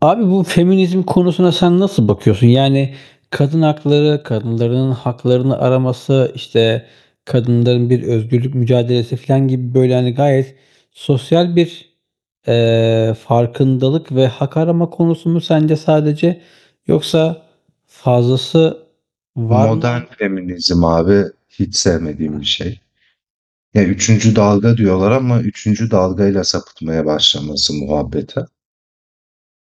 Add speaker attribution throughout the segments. Speaker 1: Abi bu feminizm konusuna sen nasıl bakıyorsun? Yani kadın hakları, kadınların haklarını araması, işte kadınların bir özgürlük mücadelesi falan gibi böyle hani gayet sosyal bir farkındalık ve hak arama konusu mu sence sadece? Yoksa fazlası var
Speaker 2: Modern
Speaker 1: mı?
Speaker 2: feminizm abi hiç sevmediğim
Speaker 1: Heh.
Speaker 2: bir şey. Ya üçüncü dalga diyorlar ama üçüncü dalgayla sapıtmaya başlaması muhabbete.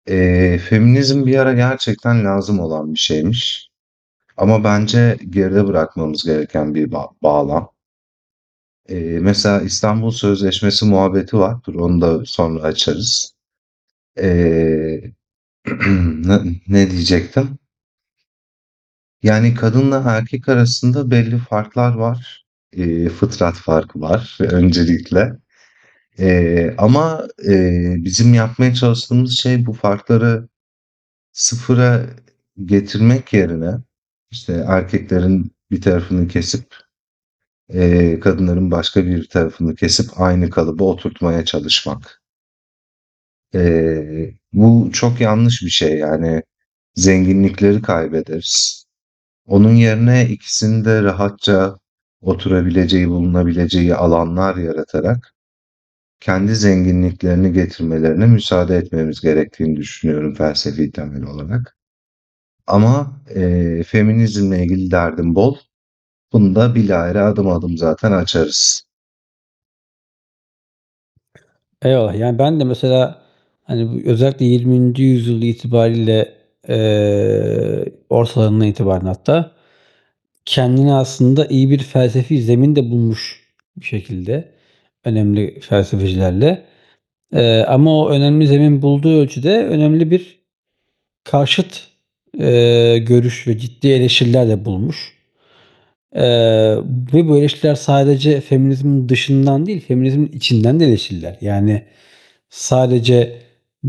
Speaker 2: Feminizm bir ara gerçekten lazım olan bir şeymiş. Ama bence geride bırakmamız gereken bağlam. Mesela İstanbul Sözleşmesi muhabbeti var. Dur onu da sonra açarız. Ee, ne ne diyecektim? Yani kadınla erkek arasında belli farklar var. Fıtrat farkı var öncelikle. Ama bizim yapmaya çalıştığımız şey bu farkları sıfıra getirmek yerine, işte, erkeklerin bir tarafını kesip, kadınların başka bir tarafını kesip aynı kalıba oturtmaya çalışmak. Bu çok yanlış bir şey, yani zenginlikleri kaybederiz. Onun yerine ikisinde rahatça oturabileceği, bulunabileceği alanlar yaratarak kendi zenginliklerini getirmelerine müsaade etmemiz gerektiğini düşünüyorum felsefi temel olarak. Ama feminizmle ilgili derdim bol. Bunu da bilahare adım adım zaten açarız.
Speaker 1: Eyvallah. Yani ben de mesela hani bu özellikle 20. yüzyıl itibariyle ortalarından itibaren hatta kendine aslında iyi bir felsefi zemin de bulmuş bir şekilde önemli felsefecilerle. Ama o önemli zemin bulduğu ölçüde önemli bir karşıt, görüş ve ciddi eleştiriler de bulmuş. Eee, Ve bu eleştiriler sadece feminizmin dışından değil, feminizmin içinden de eleştiriler. Yani sadece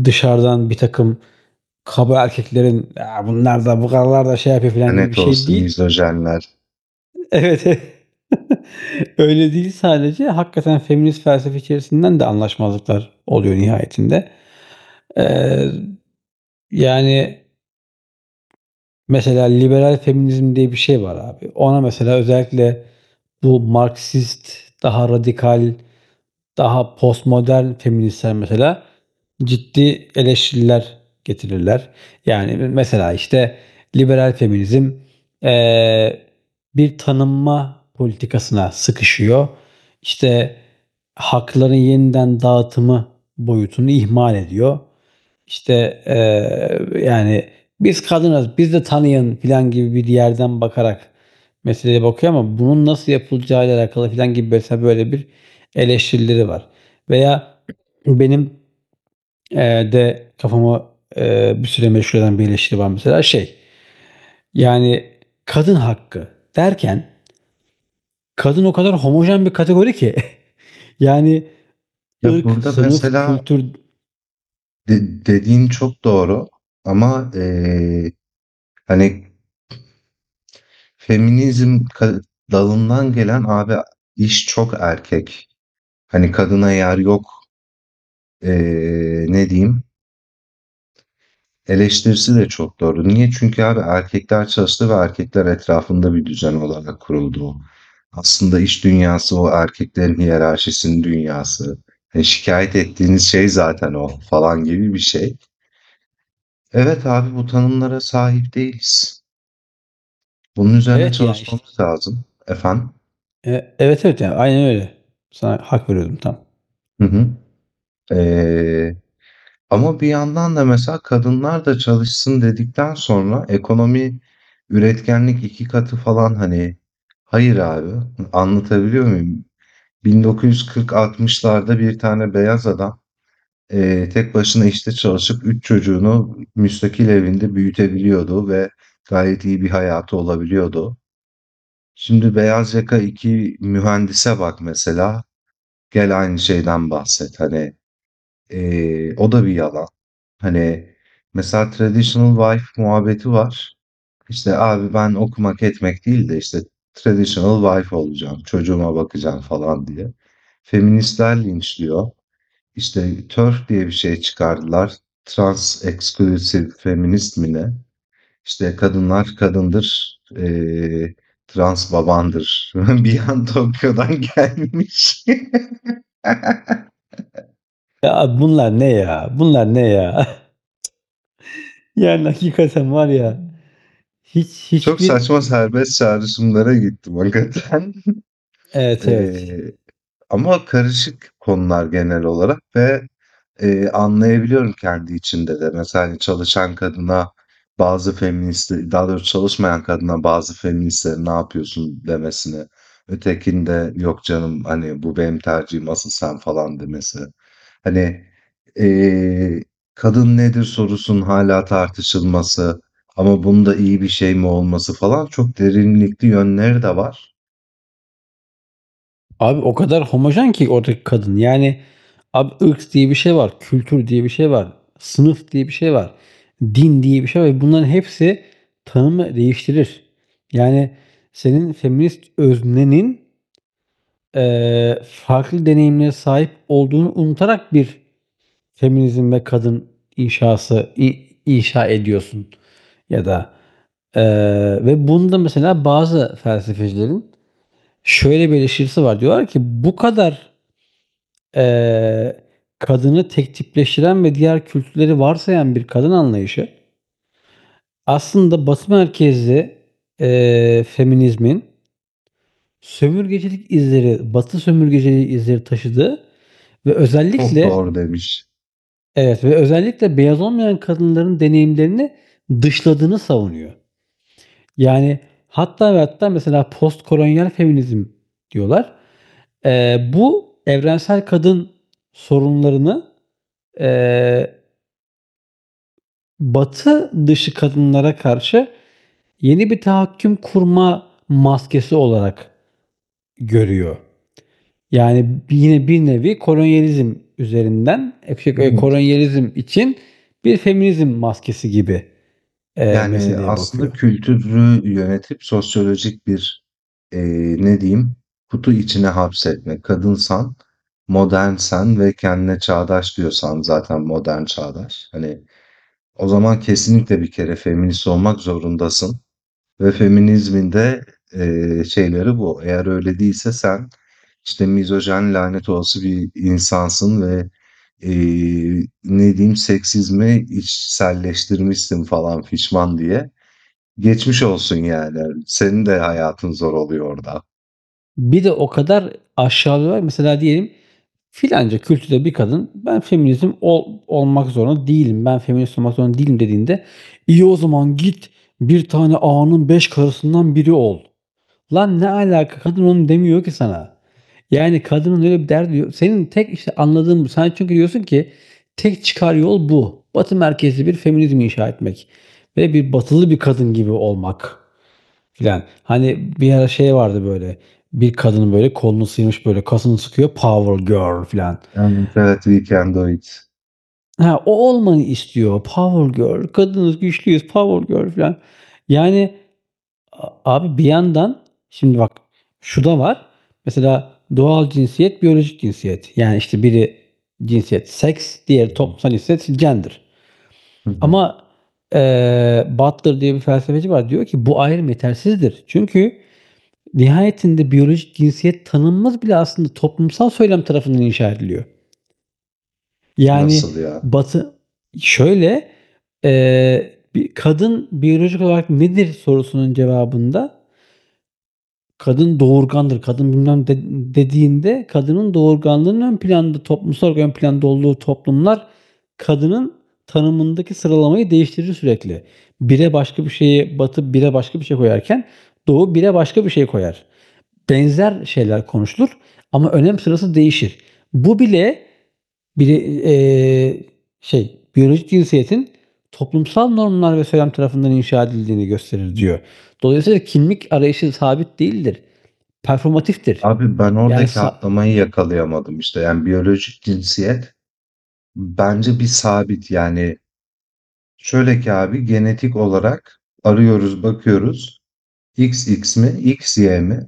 Speaker 1: dışarıdan bir takım kaba erkeklerin "bunlar da bu kadar da şey yapıyor." falan gibi bir
Speaker 2: Net
Speaker 1: şey
Speaker 2: olsun
Speaker 1: değil.
Speaker 2: misojinler.
Speaker 1: Evet. Öyle değil sadece. Hakikaten feminist felsefe içerisinden de anlaşmazlıklar oluyor nihayetinde. Eee, Yani mesela liberal feminizm diye bir şey var abi. Ona mesela özellikle bu Marksist, daha radikal daha postmodern feministler mesela ciddi eleştiriler getirirler. Yani mesela işte liberal feminizm eee, bir tanınma politikasına sıkışıyor. İşte hakların yeniden dağıtımı boyutunu ihmal ediyor. İşte, yani biz kadınız, biz de tanıyın filan gibi bir yerden bakarak meseleye bakıyor ama bunun nasıl yapılacağıyla alakalı filan gibi mesela böyle bir eleştirileri var. Veya benim, de kafama, bir süre meşgul eden bir eleştiri var mesela şey, yani kadın hakkı derken kadın o kadar homojen bir kategori ki yani
Speaker 2: Ya,
Speaker 1: ırk,
Speaker 2: burada
Speaker 1: sınıf,
Speaker 2: mesela
Speaker 1: kültür,
Speaker 2: de dediğin çok doğru ama, hani, feminizm ka dalından gelen abi iş çok erkek. Hani kadına yer yok, ne diyeyim, eleştirisi de çok doğru. Niye? Çünkü abi erkekler çalıştı ve erkekler etrafında bir düzen olarak kuruldu o. Aslında iş dünyası o erkeklerin hiyerarşisinin dünyası. E, şikayet ettiğiniz şey zaten o falan gibi bir şey. Evet abi bu tanımlara sahip değiliz. Bunun üzerine
Speaker 1: evet, yani, iş
Speaker 2: çalışmamız lazım. Efendim?
Speaker 1: evet, evet, yani aynen öyle. Sana hak veriyordum tam.
Speaker 2: Hı hı. Eee Ama bir yandan da mesela kadınlar da çalışsın dedikten sonra ekonomi, üretkenlik 2 katı falan, hani. Hayır abi, anlatabiliyor muyum? 1940-60'larda bir tane beyaz adam, tek başına işte çalışıp 3 çocuğunu müstakil evinde büyütebiliyordu ve gayet iyi bir hayatı olabiliyordu. Şimdi beyaz yaka 2 mühendise bak mesela, gel aynı şeyden bahset. Hani. O da bir yalan. Hani, mesela traditional wife muhabbeti var. İşte, abi ben okumak etmek değil de, işte, traditional wife olacağım, çocuğuma bakacağım falan diye. Feministler linçliyor. İşte, TERF diye bir şey çıkardılar. Trans Exclusive Feminist mi ne? İşte, kadınlar kadındır, trans babandır. Bir an Tokyo'dan gelmiş.
Speaker 1: Ya bunlar ne ya? Bunlar ne ya? Yani hakikaten var ya hiç
Speaker 2: Çok
Speaker 1: hiçbir,
Speaker 2: saçma serbest çağrışımlara gittim hakikaten.
Speaker 1: evet, evet.
Speaker 2: Eee, Ama karışık konular genel olarak ve anlayabiliyorum kendi içinde de. Mesela, hani, çalışan kadına bazı feministlerin, daha doğrusu çalışmayan kadına bazı feministlerin "Ne yapıyorsun?" demesini, ötekinde "Yok canım, hani, bu benim tercihim, asıl sen." falan demesi. Hani, eee, kadın nedir sorusunun hâlâ tartışılması ama bunun da iyi bir şey mi olması falan çok derinlikli yönleri de var.
Speaker 1: Abi o kadar homojen ki oradaki kadın. Yani abi ırk diye bir şey var, kültür diye bir şey var, sınıf diye bir şey var, din diye bir şey var ve bunların hepsi tanımı değiştirir. Yani senin feminist öznenin farklı deneyimlere sahip olduğunu unutarak bir feminizm ve kadın inşa ediyorsun ya da ve bunda mesela bazı felsefecilerin şöyle bir eleştirisi var. Diyorlar ki bu kadar Eee, kadını tek tipleştiren ve diğer kültürleri varsayan bir kadın anlayışı aslında Batı merkezli, feminizmin sömürgecilik izleri, Batı sömürgeciliği izleri taşıdığı ve
Speaker 2: Çok
Speaker 1: özellikle
Speaker 2: doğru demiş.
Speaker 1: evet ve özellikle beyaz olmayan kadınların deneyimlerini dışladığını savunuyor. Yani hatta ve hatta mesela postkolonyal feminizm diyorlar. Bu evrensel kadın sorunlarını, eee Batı dışı kadınlara karşı yeni bir tahakküm kurma maskesi olarak görüyor. Yani yine bir nevi kolonyalizm üzerinden,
Speaker 2: Hı
Speaker 1: e,
Speaker 2: hı.
Speaker 1: kolonyalizm için bir feminizm maskesi gibi,
Speaker 2: Yani,
Speaker 1: meseleye
Speaker 2: aslında
Speaker 1: bakıyor.
Speaker 2: kültürü yönetip sosyolojik bir ne diyeyim, kutu içine hapsetmek. Kadınsan, modernsen ve kendine çağdaş diyorsan zaten modern, çağdaş. Hani, o zaman kesinlikle bir kere feminist olmak zorundasın ve feminizmin de şeyleri bu. Eğer öyle değilse sen, işte, mizojen, lanet olası bir insansın ve ne diyeyim, seksizmi içselleştirmişsin falan fişman diye. Geçmiş olsun yani. Senin de hayatın zor oluyor orada.
Speaker 1: Bir de o kadar aşağılıyorlar. Mesela diyelim filanca kültürde bir kadın "ben feminizm ol olmak zorunda değilim, ben feminist olmak zorunda değilim" dediğinde, "iyi o zaman git bir tane ağanın 5 karısından biri ol." Lan ne alaka? Kadın onu demiyor ki sana. Yani kadının öyle bir derdi yok. Senin tek işte anladığın bu. Sen çünkü diyorsun ki tek çıkar yol bu. Batı merkezli bir feminizm inşa etmek ve bir batılı bir kadın gibi olmak filan. Hani bir ara şey vardı böyle, bir kadının böyle kolunu sıyırmış, böyle kasını sıkıyor, "Power girl" filan.
Speaker 2: Yani evet, we can do it.
Speaker 1: Ha, o olmayı istiyor. "Power girl, kadınız, güçlüyüz, power girl" filan. Yani abi bir yandan şimdi bak şu da var. Mesela doğal cinsiyet, biyolojik cinsiyet. Yani, işte, biri cinsiyet seks,
Speaker 2: Hı
Speaker 1: diğeri
Speaker 2: hı,
Speaker 1: toplumsal cinsiyet gender.
Speaker 2: hı hı.
Speaker 1: Ama, Butler diye bir felsefeci var. Diyor ki bu ayrım yetersizdir. Çünkü nihayetinde biyolojik cinsiyet tanınmaz bile, aslında toplumsal söylem tarafından inşa ediliyor. Yani
Speaker 2: Nasıl ya?
Speaker 1: Batı şöyle, bir kadın biyolojik olarak nedir sorusunun cevabında kadın doğurgandır, kadın bilmem de dediğinde kadının doğurganlığının ön planda, toplumsal olarak ön planda olduğu toplumlar kadının tanımındaki sıralamayı değiştirir sürekli. Bire başka bir şeyi Batı, bire başka bir şey koyarken Doğu bire başka bir şey koyar, benzer şeyler konuşulur ama önem sırası değişir. Bu bile bir şey, biyolojik cinsiyetin toplumsal normlar ve söylem tarafından inşa edildiğini gösterir diyor. Dolayısıyla kimlik arayışı sabit değildir. Performatiftir.
Speaker 2: Abi ben
Speaker 1: Yani
Speaker 2: oradaki
Speaker 1: sa-
Speaker 2: atlamayı yakalayamadım işte. Yani biyolojik cinsiyet bence bir sabit. Yani şöyle ki abi genetik olarak arıyoruz, bakıyoruz. X X mi? X Y mi?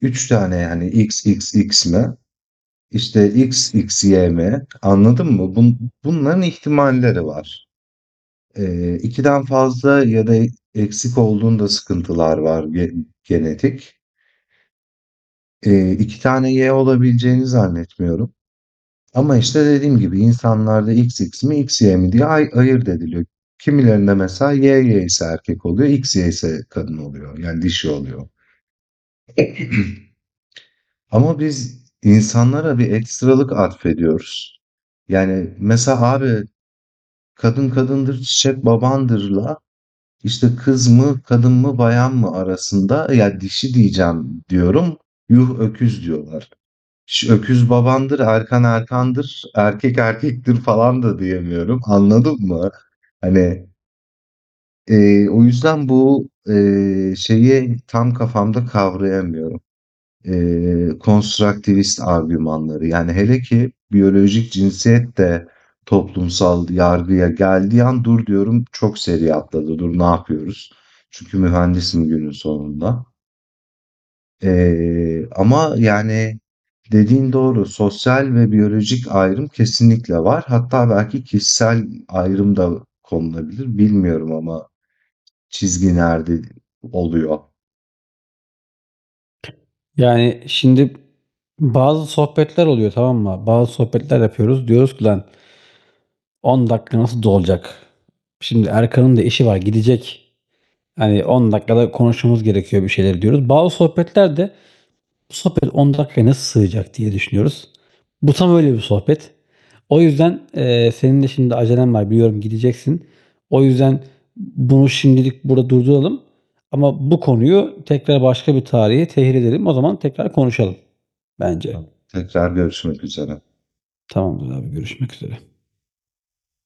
Speaker 2: Üç tane yani X X XXX mi? İşte XXY mi? Anladın mı? Bunların ihtimalleri var. 2'den fazla ya da eksik olduğunda sıkıntılar var genetik. 2 tane Y olabileceğini zannetmiyorum. Ama işte dediğim gibi insanlarda X X mi X Y mi diye ayırt ediliyor. Kimilerinde mesela Y Y ise erkek oluyor, X Y ise kadın oluyor. Yani dişi oluyor. Ama biz insanlara bir ekstralık atfediyoruz. Yani mesela abi kadın kadındır çiçek babandırla. İşte kız mı, kadın mı, bayan mı arasında ya dişi diyeceğim diyorum. Yuh öküz diyorlar. Ş- Öküz babandır, erkan erkandır, erkek erkektir falan da diyemiyorum. Anladın mı? Hani o yüzden bu şeyi tam kafamda kavrayamıyorum konstruktivist argümanları. Yani hele ki biyolojik cinsiyet de toplumsal yargıya geldiği an dur diyorum çok seri atladı. Dur ne yapıyoruz? Çünkü mühendisim günün sonunda. Ama yani dediğin doğru. Sosyal ve biyolojik ayrım kesinlikle var. Hatta belki kişisel ayrım da konulabilir. Bilmiyorum ama çizgi nerede oluyor.
Speaker 1: Yani şimdi bazı sohbetler oluyor, tamam mı? Bazı sohbetler yapıyoruz. Diyoruz ki lan 10 dakika nasıl dolacak? Şimdi Erkan'ın da işi var, gidecek. Hani 10 dakikada konuşmamız gerekiyor bir şeyler diyoruz. Bazı sohbetlerde bu sohbet 10 dakikaya nasıl sığacak diye düşünüyoruz. Bu tam öyle bir sohbet. O yüzden senin de şimdi acelen var, biliyorum, gideceksin. O yüzden bunu şimdilik burada durduralım. Ama bu konuyu tekrar başka bir tarihe tehir edelim. O zaman tekrar konuşalım bence.
Speaker 2: Tamam. Tekrar görüşmek üzere.
Speaker 1: Tamamdır abi, görüşmek üzere.